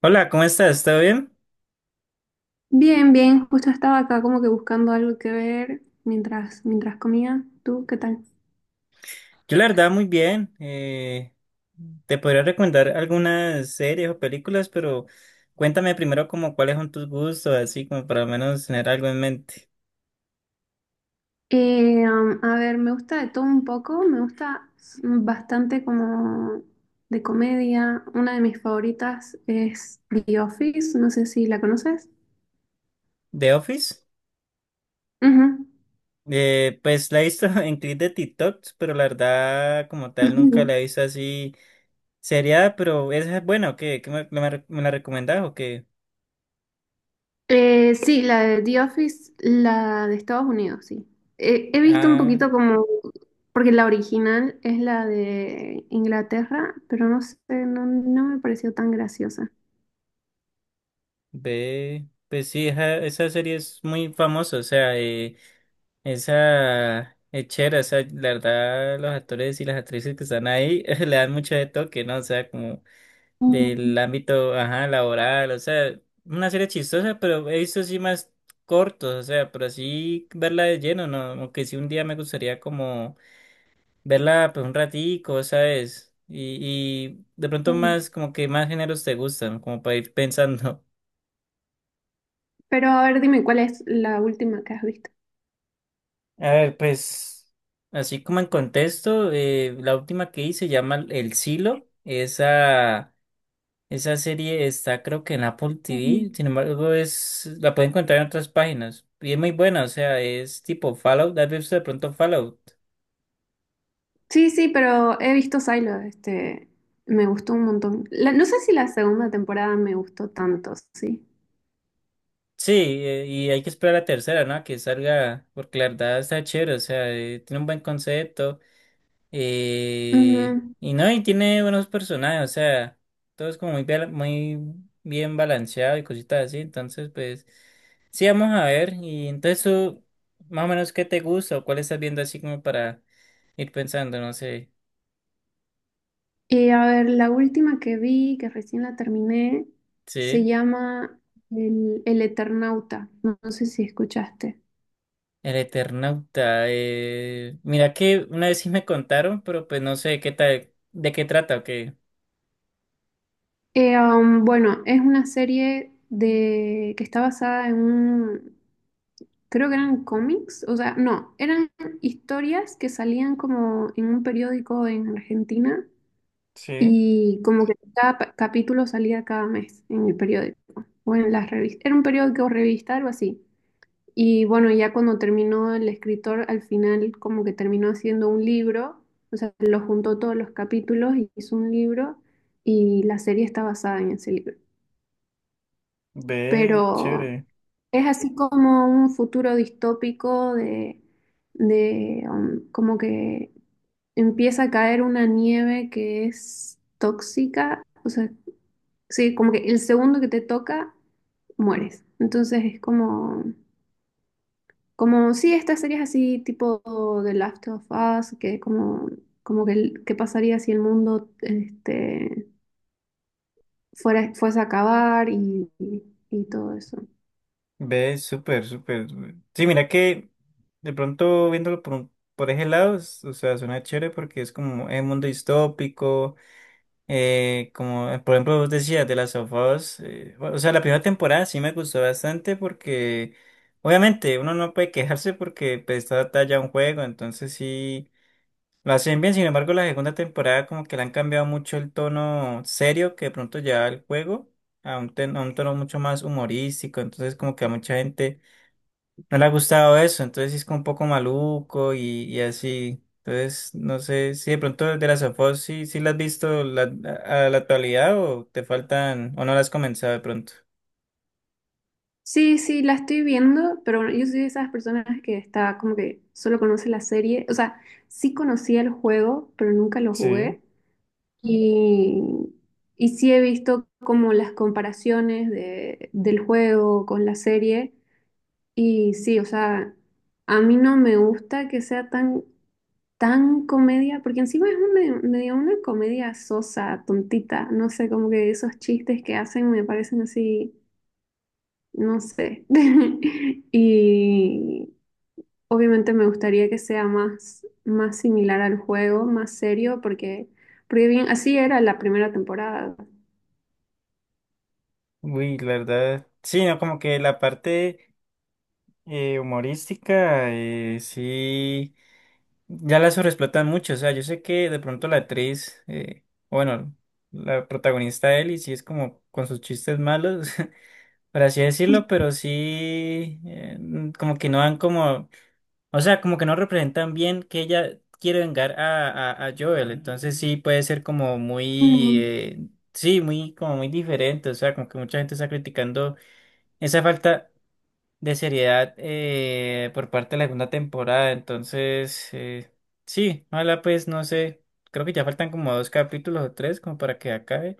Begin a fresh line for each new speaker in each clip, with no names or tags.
Hola, ¿cómo estás? ¿Todo bien?
Bien, bien, justo estaba acá como que buscando algo que ver mientras, mientras comía. ¿Tú qué tal?
Yo la verdad muy bien. Te podría recomendar algunas series o películas, pero cuéntame primero como cuáles son tus gustos, así como para al menos tener algo en mente.
A ver, me gusta de todo un poco, me gusta bastante como de comedia. Una de mis favoritas es The Office, no sé si la conoces.
The Office.
Ujú.
Pues la he visto en clips de TikTok, pero la verdad como tal nunca la he visto así seriada, pero esa es buena, ¿o qué? ¿Qué me la recomendás o qué?
Sí, la de The Office, la de Estados Unidos, sí. He visto un
A,
poquito como, porque la original es la de Inglaterra, pero no sé, no, no me pareció tan graciosa.
B, pues sí, esa serie es muy famosa, o sea... Esa es chévere, o sea, la verdad, los actores y las actrices que están ahí le dan mucho de toque, ¿no? O sea, como del
Mm,
ámbito, ajá, laboral, o sea, una serie chistosa, pero he visto así más cortos, o sea, pero así verla de lleno, ¿no? Aunque sí un día me gustaría como verla, pues, un ratico, ¿sabes? Y, de pronto
mm,
más, como que más géneros te gustan, como para ir pensando.
Pero a ver, dime, ¿cuál es la última que has visto?
A ver, pues, así como en contexto, la última que hice se llama El Silo. Esa serie está creo que en Apple TV,
Mm.
sin embargo, es, la pueden encontrar en otras páginas. Y es muy buena, o sea, es tipo Fallout. ¿Has visto de pronto Fallout?
Sí, sí, pero he visto Silo, este, me gustó un montón. No sé si la segunda temporada me gustó tanto, sí.
Sí, y hay que esperar la tercera, ¿no? A que salga, porque la verdad está chévere, o sea, tiene un buen concepto.
Ujú.
Y no, y tiene buenos personajes, o sea, todo es como muy, muy bien balanceado y cositas así, entonces pues sí, vamos a ver, y entonces tú, más o menos, ¿qué te gusta o cuál estás viendo así como para ir pensando, no sé,
A ver, la última que vi, que recién la terminé, se
sí,
llama El Eternauta. No, no sé si escuchaste.
El Eternauta, mira que una vez sí me contaron, pero pues no sé qué tal, de qué trata o qué.
Bueno, es una serie de, que está basada en un, creo que eran cómics, o sea, no, eran historias que salían como en un periódico en Argentina
Sí,
y como que cada capítulo salía cada mes en el periódico o en las revistas. Era un periódico o revista, algo así. Y bueno, ya cuando terminó el escritor, al final como que terminó haciendo un libro, o sea, lo juntó todos los capítulos y hizo un libro y la serie está basada en ese libro.
ve,
Pero
chévere.
es así como un futuro distópico de, de como que empieza a caer una nieve que es tóxica, o sea, sí, como que el segundo que te toca, mueres. Entonces es como… Como sí, estas series así tipo The Last of Us, que como, como que qué pasaría si el mundo este, fuese a acabar y y todo eso.
Ve, súper, súper. Sí, mira que de pronto viéndolo por ese lado, o sea, suena chévere porque es como un mundo distópico, como por ejemplo vos decías de las of Us, bueno, o sea, la primera temporada sí me gustó bastante porque obviamente uno no puede quejarse porque pues, está adaptada ya a un juego, entonces sí lo hacen bien, sin embargo la segunda temporada como que le han cambiado mucho el tono serio que de pronto lleva el juego a un, a un tono mucho más humorístico, entonces como que a mucha gente no le ha gustado eso, entonces sí es como un poco maluco y así. Entonces, no sé si de pronto de las afos sí, sí las has visto a la actualidad o te faltan o no las has comenzado de pronto.
Sí, sí, la estoy viendo, pero yo soy de esas personas que está como que solo conoce la serie. O sea, sí conocía el juego, pero nunca lo
Sí.
jugué. Y, y sí he visto como las comparaciones del juego con la serie. Y sí, o sea, a mí no me gusta que sea tan, tan comedia, porque encima es una, medio una comedia sosa, tontita, no sé, como que esos chistes que hacen me parecen así, no sé. Y obviamente me gustaría que sea más, más similar al juego, más serio, porque, porque bien, así era la primera temporada.
Uy, la verdad, sí, no, como que la parte humorística, sí, ya la sobreexplotan mucho, o sea, yo sé que de pronto la actriz, bueno, la protagonista Ellie, sí es como con sus chistes malos, por así decirlo, pero sí, como que no dan como, o sea, como que no representan bien que ella quiere vengar a Joel, entonces sí puede ser como muy,
Mm.
sí, muy, como muy diferente, o sea, como que mucha gente está criticando esa falta de seriedad por parte de la segunda temporada, entonces, sí, ojalá pues, no sé, creo que ya faltan como dos capítulos o tres como para que acabe.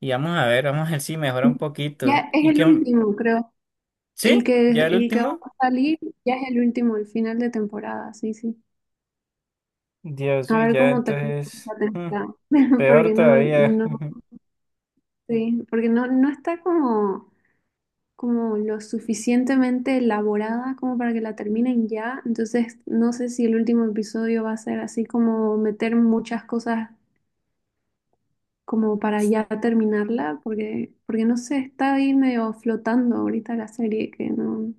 Y vamos a ver si mejora un poquito.
Ya es
¿Y
el
qué,
último, creo.
¿sí? ¿Ya el
El que va
último?
a salir ya es el último, el final de temporada, sí, sí.
Dios,
A
uy,
ver
ya
cómo termina
entonces,
esta
mm,
temporada.
peor
Porque no,
todavía.
no, sí, porque no, no está como, como lo suficientemente elaborada como para que la terminen ya. Entonces, no sé si el último episodio va a ser así como meter muchas cosas como para ya terminarla, porque, porque no sé, está ahí medio flotando ahorita la serie, que no,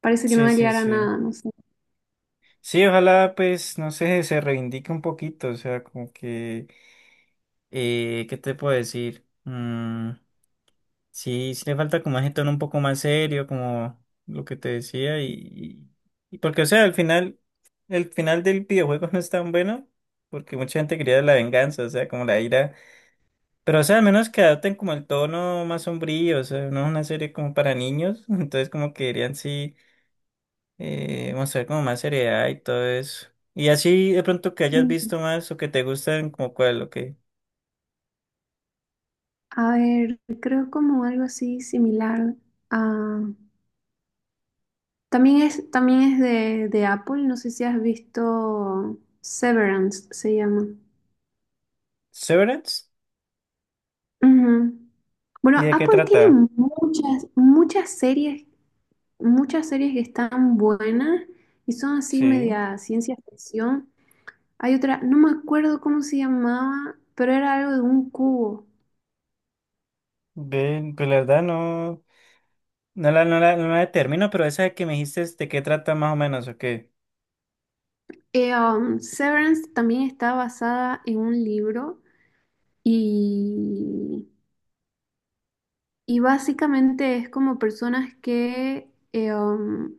parece que no
Sí,
va a
sí,
llegar a
sí.
nada, no sé.
Sí, ojalá pues, no sé, se reivindique un poquito, o sea, como que, ¿qué te puedo decir? Mm, sí, sí le falta como ese tono un poco más serio, como lo que te decía, y porque, o sea, al final, el final del videojuego no es tan bueno, porque mucha gente quería la venganza, o sea, como la ira. Pero, o sea, al menos que adopten como el tono más sombrío, o sea, no es una serie como para niños, entonces como que deberían sí mostrar como más seriedad y todo eso. Y así de pronto que hayas visto más o que te gusten, como cuál, o qué.
A ver, creo como algo así similar a… también es de Apple, no sé si has visto Severance, se llama.
Severance,
Ujú. Bueno,
¿y de qué
Apple tiene
trata?
muchas, muchas series que están buenas y son así
Sí,
media ciencia ficción. Hay otra, no me acuerdo cómo se llamaba, pero era algo de un cubo.
ven, pues la verdad no, no la determino, pero esa que me dijiste, ¿de qué trata más o menos o qué?
Severance también está basada en un libro y Y básicamente es como personas que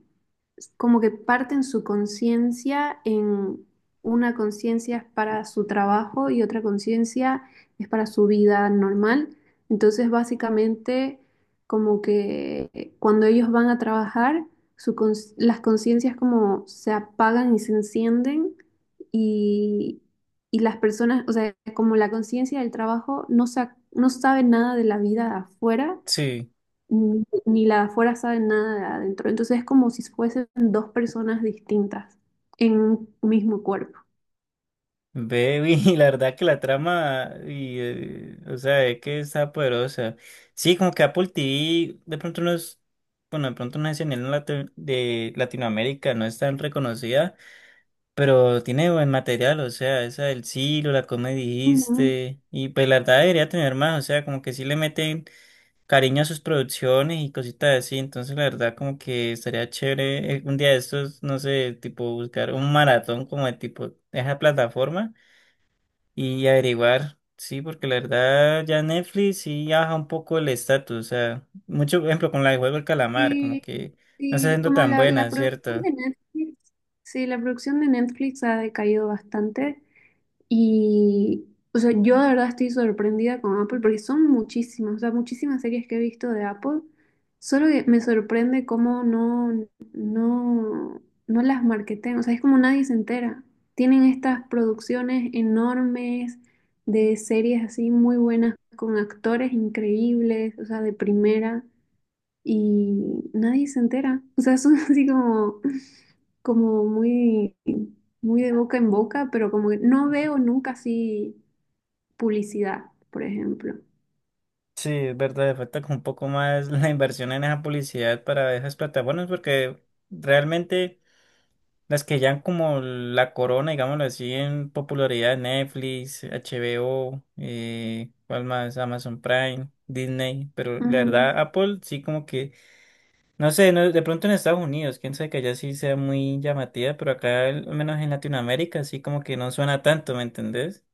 como que parten su conciencia en una conciencia es para su trabajo y otra conciencia es para su vida normal. Entonces, básicamente, como que cuando ellos van a trabajar, su las conciencias como se apagan y se encienden y, y las personas, o sea, como la conciencia del trabajo no, no sabe nada de la vida afuera
Sí.
ni, ni la de afuera sabe nada de adentro. Entonces es como si fuesen dos personas distintas en un mismo cuerpo.
Baby, la verdad que la trama, y, o sea, es que está poderosa. Sí, como que Apple TV, de pronto no es, bueno, de pronto no es en el de Latinoamérica, no es tan reconocida, pero tiene buen material, o sea, esa del Silo, la que me
Ujú.
dijiste, y pues la verdad debería tener más, o sea, como que sí le meten cariño a sus producciones y cositas así, entonces la verdad como que estaría chévere un día de estos, no sé, tipo buscar un maratón como de tipo, esa plataforma y averiguar, sí, porque la verdad ya Netflix sí baja un poco el estatus, o sea, mucho por ejemplo con la de Juego del Calamar, como
Sí,
que no se
sí,
siendo
como
tan
la,
buena,
la producción
¿cierto?
de Netflix, sí, la producción de Netflix ha decaído bastante. Y, o sea, yo de verdad estoy sorprendida con Apple porque son muchísimas, o sea, muchísimas series que he visto de Apple. Solo que me sorprende cómo no, no, no las marketean, o sea, es como nadie se entera. Tienen estas producciones enormes de series así muy buenas, con actores increíbles, o sea, de primera y nadie se entera. O sea, son así como, como muy, muy de boca en boca, pero como que no veo nunca así publicidad, por ejemplo.
Sí, es verdad, le falta como un poco más la inversión en esa publicidad para esas plataformas, porque realmente las que ya han como la corona, digámoslo así, en popularidad, Netflix, HBO, ¿cuál más? Amazon Prime, Disney, pero la
Ujú,
verdad Apple sí como que... No sé, de pronto en Estados Unidos, quién sabe que allá sí sea muy llamativa, pero acá, al menos en Latinoamérica, sí como que no suena tanto, ¿me entendés?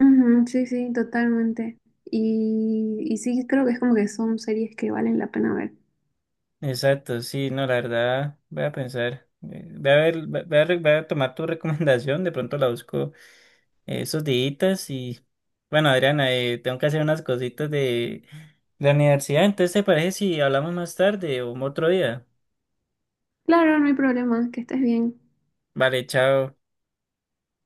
ujú, sí, sí, totalmente. Y sí, creo que es como que son series que valen la pena ver.
Exacto, sí, no, la verdad, voy a pensar, voy a ver, voy a tomar tu recomendación, de pronto la busco esos días y, bueno, Adriana, tengo que hacer unas cositas de la universidad, entonces, ¿te parece si hablamos más tarde o otro día?
Claro, no hay problema, que estés bien.
Vale, chao.